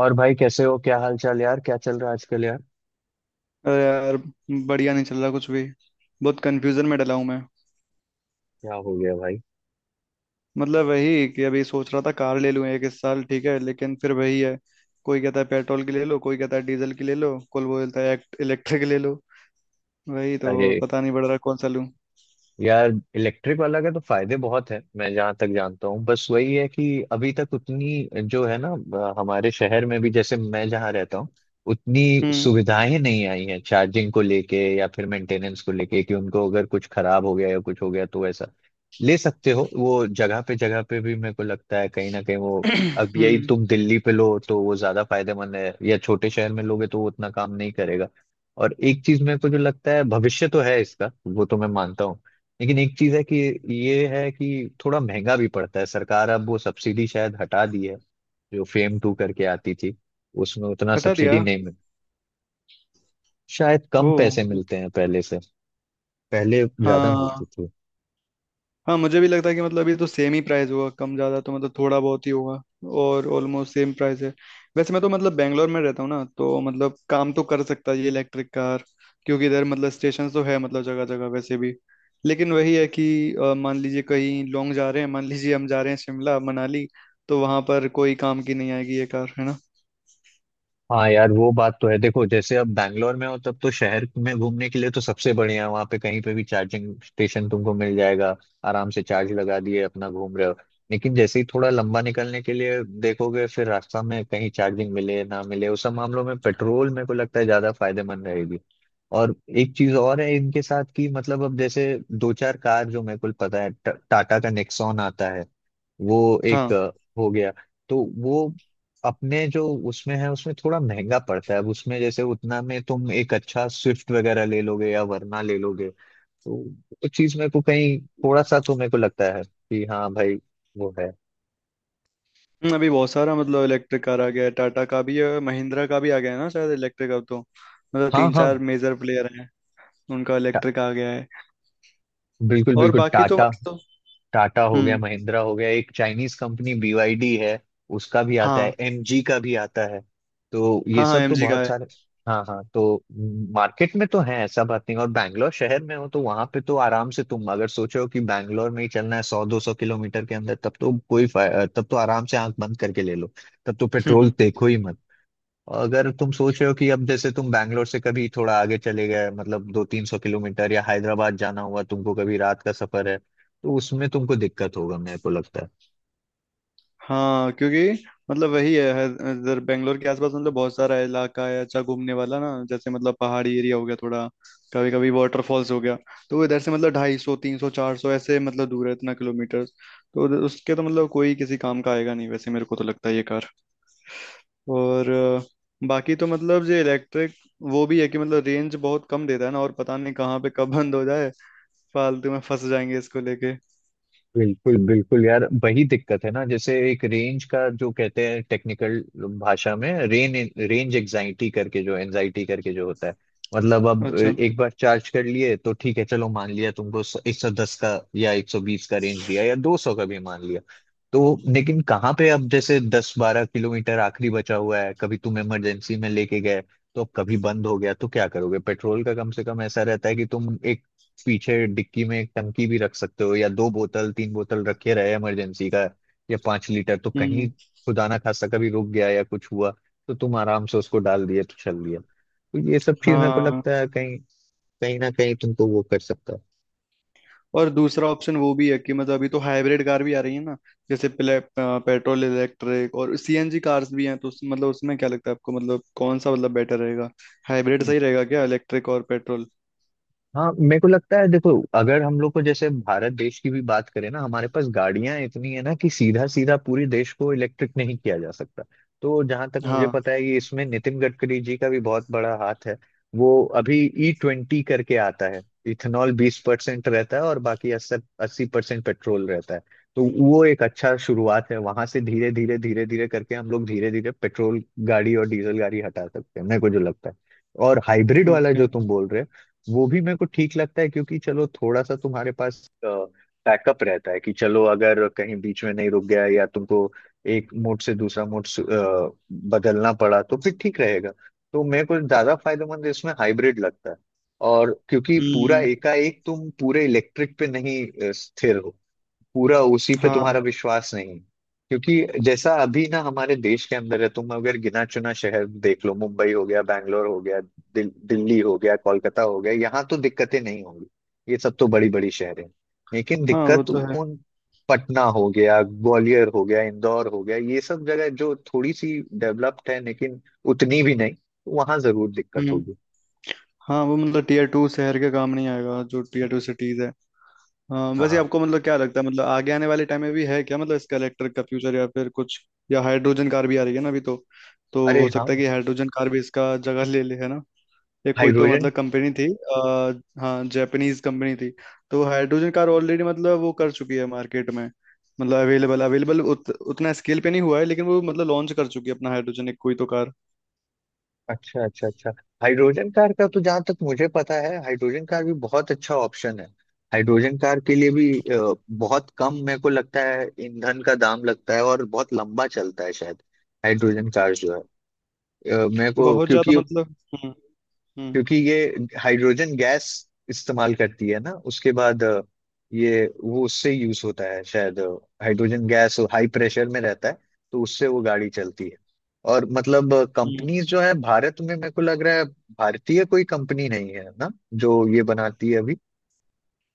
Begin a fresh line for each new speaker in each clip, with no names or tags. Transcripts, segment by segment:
और भाई कैसे हो, क्या हाल चाल यार? क्या चल रहा है आजकल यार?
अरे यार, बढ़िया नहीं चल रहा कुछ भी। बहुत कंफ्यूजन में डला हूँ मैं।
क्या हो गया भाई?
मतलब वही कि अभी सोच रहा था कार ले लूँ एक इस साल, ठीक है, लेकिन फिर वही है। कोई कहता है पेट्रोल की ले लो, कोई कहता है डीजल की ले लो, कोई बोलता है इलेक्ट्रिक ले लो। वही तो
अरे
पता नहीं पड़ रहा कौन सा लूँ।
यार, इलेक्ट्रिक वाला का तो फायदे बहुत हैं। मैं जहाँ तक जानता हूँ, बस वही है कि अभी तक उतनी जो है ना, हमारे शहर में भी, जैसे मैं जहाँ रहता हूँ, उतनी
हम्म।
सुविधाएं नहीं आई हैं। चार्जिंग को लेके या फिर मेंटेनेंस को लेके कि उनको अगर कुछ खराब हो गया या कुछ हो गया तो ऐसा ले सकते हो। वो जगह पे भी मेरे को लगता है कहीं ना कहीं वो, अब यही
हम्म।
तुम दिल्ली पे लो तो वो ज्यादा फायदेमंद है, या छोटे शहर में लोगे तो वो उतना काम नहीं करेगा। और एक चीज मेरे को जो लगता है, भविष्य तो है इसका वो तो मैं मानता हूँ, लेकिन एक चीज है कि ये है कि थोड़ा महंगा भी पड़ता है। सरकार अब वो सब्सिडी शायद हटा दी है जो फेम टू करके आती थी। उसमें उतना
हटा दिया?
सब्सिडी नहीं मिल, शायद
ओ।
कम पैसे मिलते हैं पहले से। पहले ज्यादा मिलती
हाँ,
थी।
हाँ मुझे भी लगता है कि मतलब अभी तो सेम ही प्राइस होगा, कम ज्यादा तो मतलब थोड़ा बहुत ही होगा। और ऑलमोस्ट सेम प्राइस है। वैसे मैं तो मतलब बेंगलोर में रहता हूँ ना, तो मतलब काम तो कर सकता है ये इलेक्ट्रिक कार, क्योंकि इधर मतलब स्टेशन तो है, मतलब जगह जगह वैसे भी। लेकिन वही है कि मान लीजिए कहीं लॉन्ग जा रहे हैं, मान लीजिए हम जा रहे हैं शिमला मनाली, तो वहां पर कोई काम की नहीं आएगी ये कार, है ना।
हाँ यार, वो बात तो है। देखो जैसे अब बैंगलोर में हो तब तो शहर में घूमने के लिए तो सबसे बढ़िया है। वहाँ पे कहीं पे भी चार्जिंग स्टेशन तुमको मिल जाएगा, आराम से चार्ज लगा दिए अपना घूम रहे हो। लेकिन जैसे ही थोड़ा लंबा निकलने के लिए देखोगे, फिर रास्ता में कहीं चार्जिंग मिले ना मिले, उस सब मामलों में पेट्रोल मेरे को लगता है ज्यादा फायदेमंद रहेगी। और एक चीज और है इनके साथ कि मतलब अब जैसे दो चार कार जो मेरे को पता है, टाटा का नेक्सॉन आता है। वो एक
हाँ।
हो गया, तो वो अपने जो उसमें है, उसमें थोड़ा महंगा पड़ता है। अब उसमें जैसे उतना में तुम एक अच्छा स्विफ्ट वगैरह ले लोगे या वरना ले लोगे, तो वो चीज मेरे को कहीं थोड़ा सा तो मेरे को लगता है कि हाँ भाई, वो है।
अभी बहुत सारा मतलब इलेक्ट्रिक कार आ गया है, टाटा का भी है, महिंद्रा का भी आ गया है ना शायद इलेक्ट्रिक अब तो। मतलब
हाँ
तीन
हाँ।
चार मेजर प्लेयर हैं, उनका
टा-
इलेक्ट्रिक आ गया है।
बिल्कुल
और
बिल्कुल,
बाकी तो
टाटा।
मतलब
टाटा हो गया,
हम्म।
महिंद्रा हो गया, एक चाइनीज कंपनी BYD है। उसका भी आता है,
हाँ
MG का भी आता है, तो ये
हाँ। हाँ,
सब तो
एमजी का
बहुत
है।
सारे। हाँ हाँ, तो मार्केट में तो है, ऐसा बात नहीं। और बैंगलोर शहर में हो तो वहां पे तो आराम से, तुम अगर सोचो कि बैंगलोर में ही चलना है, 100, 200 किलोमीटर के अंदर, तब तो कोई तब तो आराम से आंख बंद करके ले लो। तब तो
हम्म।
पेट्रोल
हम्म।
देखो ही मत। और अगर तुम सोच रहे हो कि अब जैसे तुम बैंगलोर से कभी थोड़ा आगे चले गए, मतलब 200, 300 किलोमीटर, या हैदराबाद जाना हुआ तुमको, कभी रात का सफर है, तो उसमें तुमको दिक्कत होगा मेरे को लगता है।
हाँ, क्योंकि मतलब वही है इधर बेंगलोर के आसपास मतलब बहुत सारा इलाका है अच्छा घूमने वाला ना, जैसे मतलब पहाड़ी एरिया हो गया थोड़ा, कभी कभी वाटरफॉल्स हो गया। तो वो इधर से मतलब ढाई सौ तीन सौ चार सौ ऐसे मतलब दूर है इतना किलोमीटर, तो उसके तो मतलब कोई किसी काम का आएगा नहीं वैसे, मेरे को तो लगता है ये कार। और बाकी तो मतलब ये इलेक्ट्रिक, वो भी है कि मतलब रेंज बहुत कम देता है ना, और पता नहीं कहाँ पे कब बंद हो जाए, फालतू में फंस जाएंगे इसको लेके।
बिल्कुल बिल्कुल यार, वही दिक्कत है ना, जैसे एक रेंज का जो कहते हैं टेक्निकल भाषा में, रेन रेंज एग्जाइटी करके जो एंजाइटी करके जो होता है, मतलब अब
अच्छा।
एक बार चार्ज कर लिए तो ठीक है, चलो मान लिया तुमको 110 का या 120 का रेंज दिया, या 200 का भी मान लिया। तो लेकिन कहाँ पे अब जैसे 10-12 किलोमीटर आखिरी बचा हुआ है, कभी तुम इमरजेंसी में लेके गए, तो अब कभी बंद हो गया तो क्या करोगे? पेट्रोल का कम से कम ऐसा रहता है कि तुम पीछे डिक्की में एक टंकी भी रख सकते हो, या दो बोतल तीन बोतल रखे रहे इमरजेंसी का, या 5 लीटर, तो कहीं
हम्म।
खुदा ना खास्ता कभी रुक गया या कुछ हुआ तो तुम आराम से उसको डाल दिए तो चल दिया। तो ये सब चीज मेरे को
हाँ।
लगता है कहीं कहीं ना कहीं तुमको वो कर सकता
और दूसरा ऑप्शन वो भी है कि मतलब अभी तो हाइब्रिड कार भी आ रही है ना, जैसे पेट्रोल इलेक्ट्रिक और सीएनजी कार्स भी हैं, तो मतलब उसमें क्या लगता है आपको, मतलब कौन सा मतलब बेटर रहेगा? हाइब्रिड
है।
सही रहेगा क्या, इलेक्ट्रिक और पेट्रोल?
हाँ, मेरे को लगता है देखो, अगर हम लोग को जैसे भारत देश की भी बात करें ना, हमारे पास गाड़ियां इतनी है ना कि सीधा सीधा पूरे देश को इलेक्ट्रिक नहीं किया जा सकता। तो जहां तक मुझे
हाँ।
पता है कि इसमें नितिन गडकरी जी का भी बहुत बड़ा हाथ है। वो अभी E20 करके आता है। इथेनॉल 20% रहता है और बाकी अस्सी, 80% पेट्रोल रहता है। तो वो एक अच्छा शुरुआत है, वहां से धीरे धीरे धीरे धीरे करके हम लोग धीरे धीरे पेट्रोल गाड़ी और डीजल गाड़ी हटा सकते हैं, मेरे को जो लगता है। और हाइब्रिड वाला
ओके।
जो तुम बोल रहे हो, वो भी मेरे को ठीक लगता है क्योंकि चलो थोड़ा सा तुम्हारे पास बैकअप रहता है कि चलो अगर कहीं बीच में नहीं रुक गया, या तुमको एक मोड से दूसरा मोड बदलना पड़ा तो फिर ठीक रहेगा। तो मेरे को ज्यादा फायदेमंद इसमें हाइब्रिड लगता है। और क्योंकि पूरा
हम्म।
एकाएक तुम पूरे इलेक्ट्रिक पे नहीं स्थिर हो, पूरा उसी पे
हाँ,
तुम्हारा विश्वास नहीं। क्योंकि जैसा अभी ना हमारे देश के अंदर है, तुम अगर गिना चुना शहर देख लो, मुंबई हो गया, बैंगलोर हो गया, दिल्ली हो गया, कोलकाता हो गया, यहाँ तो दिक्कतें नहीं होंगी। ये सब तो बड़ी बड़ी शहर है। लेकिन
हाँ वो
दिक्कत
तो है।
उन, पटना हो गया, ग्वालियर हो गया, इंदौर हो गया, ये सब जगह जो थोड़ी सी डेवलप्ड है लेकिन उतनी भी नहीं, वहां जरूर दिक्कत
हम्म।
होगी।
हाँ, वो मतलब टीयर टू शहर के काम नहीं आएगा जो टीयर टू सिटीज है। हाँ, वैसे
हाँ।
आपको मतलब क्या लगता है, मतलब आगे आने वाले टाइम में भी है क्या मतलब इसका, इलेक्ट्रिक का फ्यूचर, या फिर कुछ या हाइड्रोजन कार भी आ रही है ना अभी तो। तो
अरे
हो
हाँ,
सकता है कि हाइड्रोजन कार भी इसका जगह ले ले, है ना। ये कोई तो
हाइड्रोजन।
मतलब कंपनी थी हाँ, जापानीज कंपनी थी। तो हाइड्रोजन कार ऑलरेडी मतलब वो कर चुकी है मार्केट में। मतलब अवेलेबल, अवेलेबल उतना स्केल पे नहीं हुआ है, लेकिन वो मतलब लॉन्च कर चुकी है अपना हाइड्रोजन, एक कोई तो कार।
अच्छा अच्छा अच्छा, हाइड्रोजन कार का तो जहां तक मुझे पता है, हाइड्रोजन कार भी बहुत अच्छा ऑप्शन है। हाइड्रोजन कार के लिए भी बहुत कम मेरे को लगता है ईंधन का दाम लगता है, और बहुत लंबा चलता है शायद हाइड्रोजन कार जो है। मेरे को,
बहुत ज्यादा
क्योंकि
मतलब हम्म। हम्म।
क्योंकि ये हाइड्रोजन गैस इस्तेमाल करती है ना। उसके बाद ये वो उससे यूज होता है शायद। हाइड्रोजन गैस हाई प्रेशर में रहता है, तो उससे वो गाड़ी चलती है। और मतलब
हम्म।
कंपनीज जो है भारत में, मेरे को लग रहा है भारतीय कोई कंपनी नहीं है ना जो ये बनाती है अभी।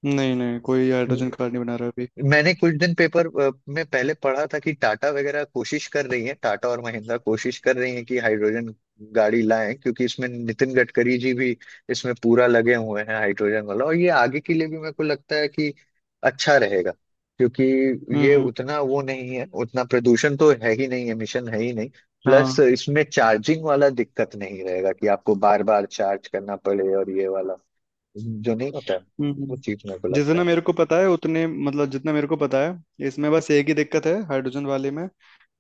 नहीं नहीं, कोई हाइड्रोजन कार नहीं बना रहा अभी।
मैंने कुछ दिन पेपर में पहले पढ़ा था कि टाटा वगैरह कोशिश कर रही है, टाटा और महिंद्रा कोशिश कर रही है कि हाइड्रोजन गाड़ी लाएं, क्योंकि इसमें नितिन गडकरी जी भी इसमें पूरा लगे हुए हैं हाइड्रोजन वाला। और ये आगे के लिए भी मेरे को लगता है कि अच्छा रहेगा क्योंकि
हम्म।
ये
हम्म।
उतना वो नहीं है, उतना प्रदूषण तो है ही नहीं, एमिशन है ही नहीं। प्लस
हाँ।
इसमें चार्जिंग वाला दिक्कत नहीं रहेगा कि आपको बार बार चार्ज करना पड़े, और ये वाला जो नहीं होता है, वो
हम्म।
चीज मेरे को लगता
जितना
है।
मेरे को पता है उतने मतलब, जितना मेरे को पता है इसमें बस एक ही दिक्कत है हाइड्रोजन वाले में,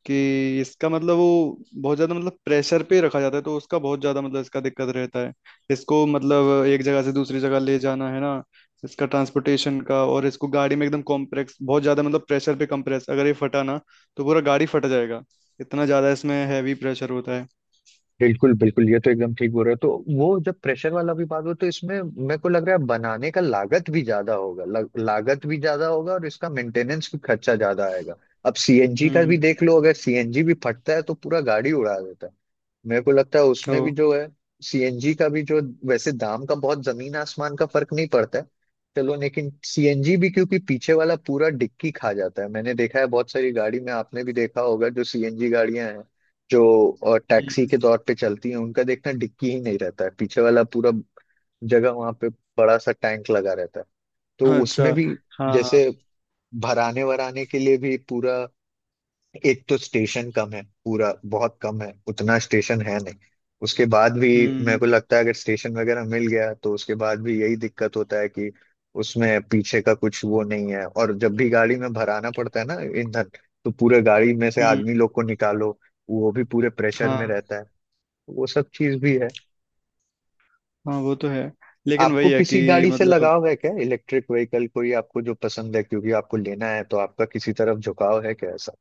कि इसका मतलब वो बहुत ज्यादा मतलब प्रेशर पे रखा जाता है, तो उसका बहुत ज्यादा मतलब इसका दिक्कत रहता है। इसको मतलब एक जगह से दूसरी जगह ले जाना है ना, इसका ट्रांसपोर्टेशन का, और इसको गाड़ी में एकदम कॉम्प्रेक्स बहुत ज्यादा मतलब प्रेशर पे कंप्रेस, अगर ये फटा ना तो पूरा गाड़ी फट जाएगा। इतना ज्यादा इसमें हैवी प्रेशर होता है।
बिल्कुल बिल्कुल, ये तो एकदम ठीक बोल रहे हो। तो वो जब प्रेशर वाला भी बात हो तो इसमें मेरे को लग रहा है बनाने का लागत भी ज्यादा होगा, लागत भी ज्यादा होगा, और इसका मेंटेनेंस भी खर्चा ज्यादा आएगा। अब सीएनजी का भी
हम्म।
देख लो, अगर सीएनजी भी फटता है तो पूरा गाड़ी उड़ा देता है। मेरे को लगता है
ओ।
उसमें भी जो है, सीएनजी का भी जो, वैसे दाम का बहुत जमीन आसमान का फर्क नहीं पड़ता है। चलो लेकिन सीएनजी भी क्योंकि पीछे वाला पूरा डिक्की खा जाता है, मैंने देखा है बहुत सारी गाड़ी में, आपने भी देखा होगा जो सीएनजी गाड़ियां हैं जो टैक्सी
हम्म।
के तौर पे चलती है, उनका देखना डिक्की ही नहीं रहता है, पीछे वाला पूरा जगह वहां पे बड़ा सा टैंक लगा रहता है। तो
अच्छा।
उसमें भी,
हाँ, हाँ।
जैसे भराने वराने के लिए भी पूरा, एक तो स्टेशन कम है, पूरा बहुत कम है, उतना स्टेशन है नहीं। उसके बाद भी मेरे
हम्म।
को लगता है अगर स्टेशन वगैरह मिल गया तो उसके बाद भी यही दिक्कत होता है कि उसमें पीछे का कुछ वो नहीं है, और जब भी गाड़ी में भराना पड़ता है ना ईंधन, तो पूरे गाड़ी में से
हम्म।
आदमी लोग को निकालो, वो भी पूरे प्रेशर में
हाँ,
रहता है। वो सब चीज भी है।
हाँ वो तो है, लेकिन
आपको
वही है
किसी
कि
गाड़ी से
मतलब
लगाव है क्या? इलेक्ट्रिक व्हीकल कोई आपको जो पसंद है? क्योंकि आपको लेना है, तो आपका किसी तरफ झुकाव है क्या ऐसा?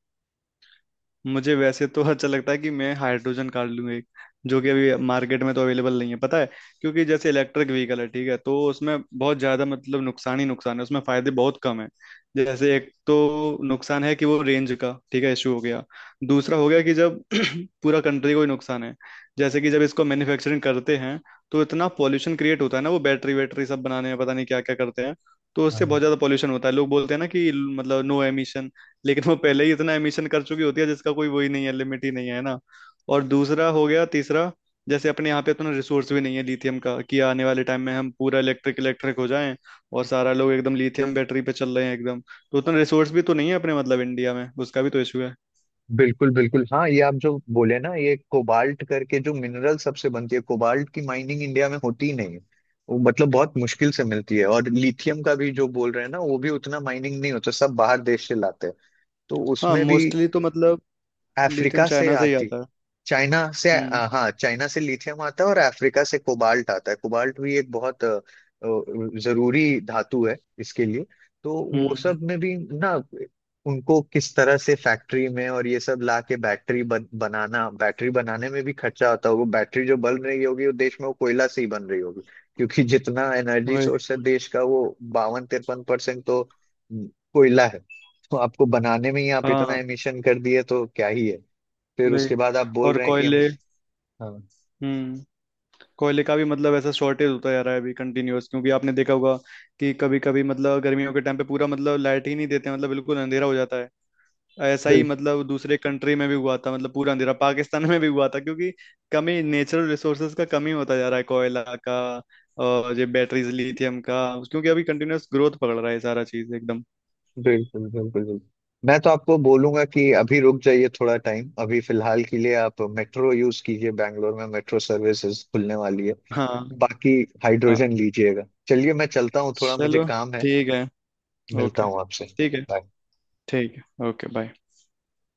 मुझे वैसे तो अच्छा लगता है कि मैं हाइड्रोजन कार लूँ एक, जो कि अभी मार्केट में तो अवेलेबल नहीं है, पता है। क्योंकि जैसे इलेक्ट्रिक व्हीकल है, ठीक है, तो उसमें बहुत ज़्यादा मतलब नुकसान ही नुकसान है, उसमें फ़ायदे बहुत कम है। जैसे एक तो नुकसान है कि वो रेंज का, ठीक है, इशू हो गया। दूसरा हो गया कि जब पूरा कंट्री को ही नुकसान है, जैसे कि जब इसको मैन्युफैक्चरिंग करते हैं तो इतना पॉल्यूशन क्रिएट होता है ना, वो बैटरी वैटरी सब बनाने में पता नहीं क्या क्या करते हैं। तो उससे
हाँ।
बहुत ज़्यादा पॉल्यूशन होता है। लोग बोलते हैं ना कि मतलब नो एमिशन, लेकिन वो पहले ही इतना एमिशन कर चुकी होती है जिसका कोई वही नहीं है, लिमिट ही नहीं है ना। और दूसरा हो गया, तीसरा, जैसे अपने यहाँ पे इतना रिसोर्स भी नहीं है लिथियम का कि आने वाले टाइम में हम पूरा इलेक्ट्रिक इलेक्ट्रिक हो जाएं, और सारा लोग एकदम लिथियम बैटरी पे चल रहे हैं एकदम, तो उतना रिसोर्स भी तो नहीं है अपने मतलब इंडिया में, उसका भी तो इशू है।
बिल्कुल बिल्कुल। हाँ, ये आप जो बोले ना, ये कोबाल्ट करके जो मिनरल, सबसे बनती है, कोबाल्ट की माइनिंग इंडिया में होती ही नहीं है। वो मतलब बहुत मुश्किल से मिलती है। और लिथियम का भी जो बोल रहे हैं ना, वो भी उतना माइनिंग नहीं होता, सब बाहर देश से लाते हैं। तो
हाँ,
उसमें भी
मोस्टली तो मतलब लिथियम
अफ्रीका से
चाइना से ही
आती,
आता है। हम्म।
हाँ चाइना से लिथियम आता है, और अफ्रीका से कोबाल्ट आता है। कोबाल्ट भी एक बहुत जरूरी धातु है इसके लिए। तो वो
हम्म।
सब में भी ना, उनको किस तरह से फैक्ट्री में और ये सब ला के बैटरी बनाना, बैटरी बनाने में भी खर्चा होता होगा। बैटरी जो बन रही होगी वो देश में, वो कोयला से ही बन रही होगी क्योंकि जितना एनर्जी
वही।
सोर्स है देश का, वो 52-53% तो कोयला है। तो आपको बनाने में ही आप इतना
हाँ।
एमिशन कर दिए तो क्या ही है? फिर
वही,
उसके बाद आप बोल
और
रहे हैं कि हम।
कोयले।
हाँ।
हम्म। कोयले का भी मतलब ऐसा शॉर्टेज होता जा रहा है अभी कंटिन्यूअस, क्योंकि आपने देखा होगा कि कभी कभी मतलब गर्मियों के टाइम पे पूरा मतलब लाइट ही नहीं देते, मतलब बिल्कुल अंधेरा हो जाता है। ऐसा ही
बिल्कुल
मतलब दूसरे कंट्री में भी हुआ था, मतलब पूरा अंधेरा पाकिस्तान में भी हुआ था, क्योंकि कमी, नेचुरल रिसोर्सेज का कमी होता जा रहा है, कोयला का, और ये बैटरीज लिथियम का, क्योंकि अभी कंटिन्यूअस ग्रोथ पकड़ रहा है सारा चीज एकदम।
बिल्कुल बिल्कुल बिल्कुल। मैं तो आपको बोलूंगा कि अभी रुक जाइए थोड़ा टाइम, अभी फिलहाल के लिए आप मेट्रो यूज कीजिए, बैंगलोर में मेट्रो सर्विसेज खुलने वाली है।
हाँ।
बाकी
हाँ।
हाइड्रोजन लीजिएगा। चलिए, मैं चलता हूँ, थोड़ा मुझे
चलो,
काम है।
ठीक है।
मिलता
ओके,
हूँ आपसे।
ठीक है।
Bye.
ठीक है, ओके, बाय।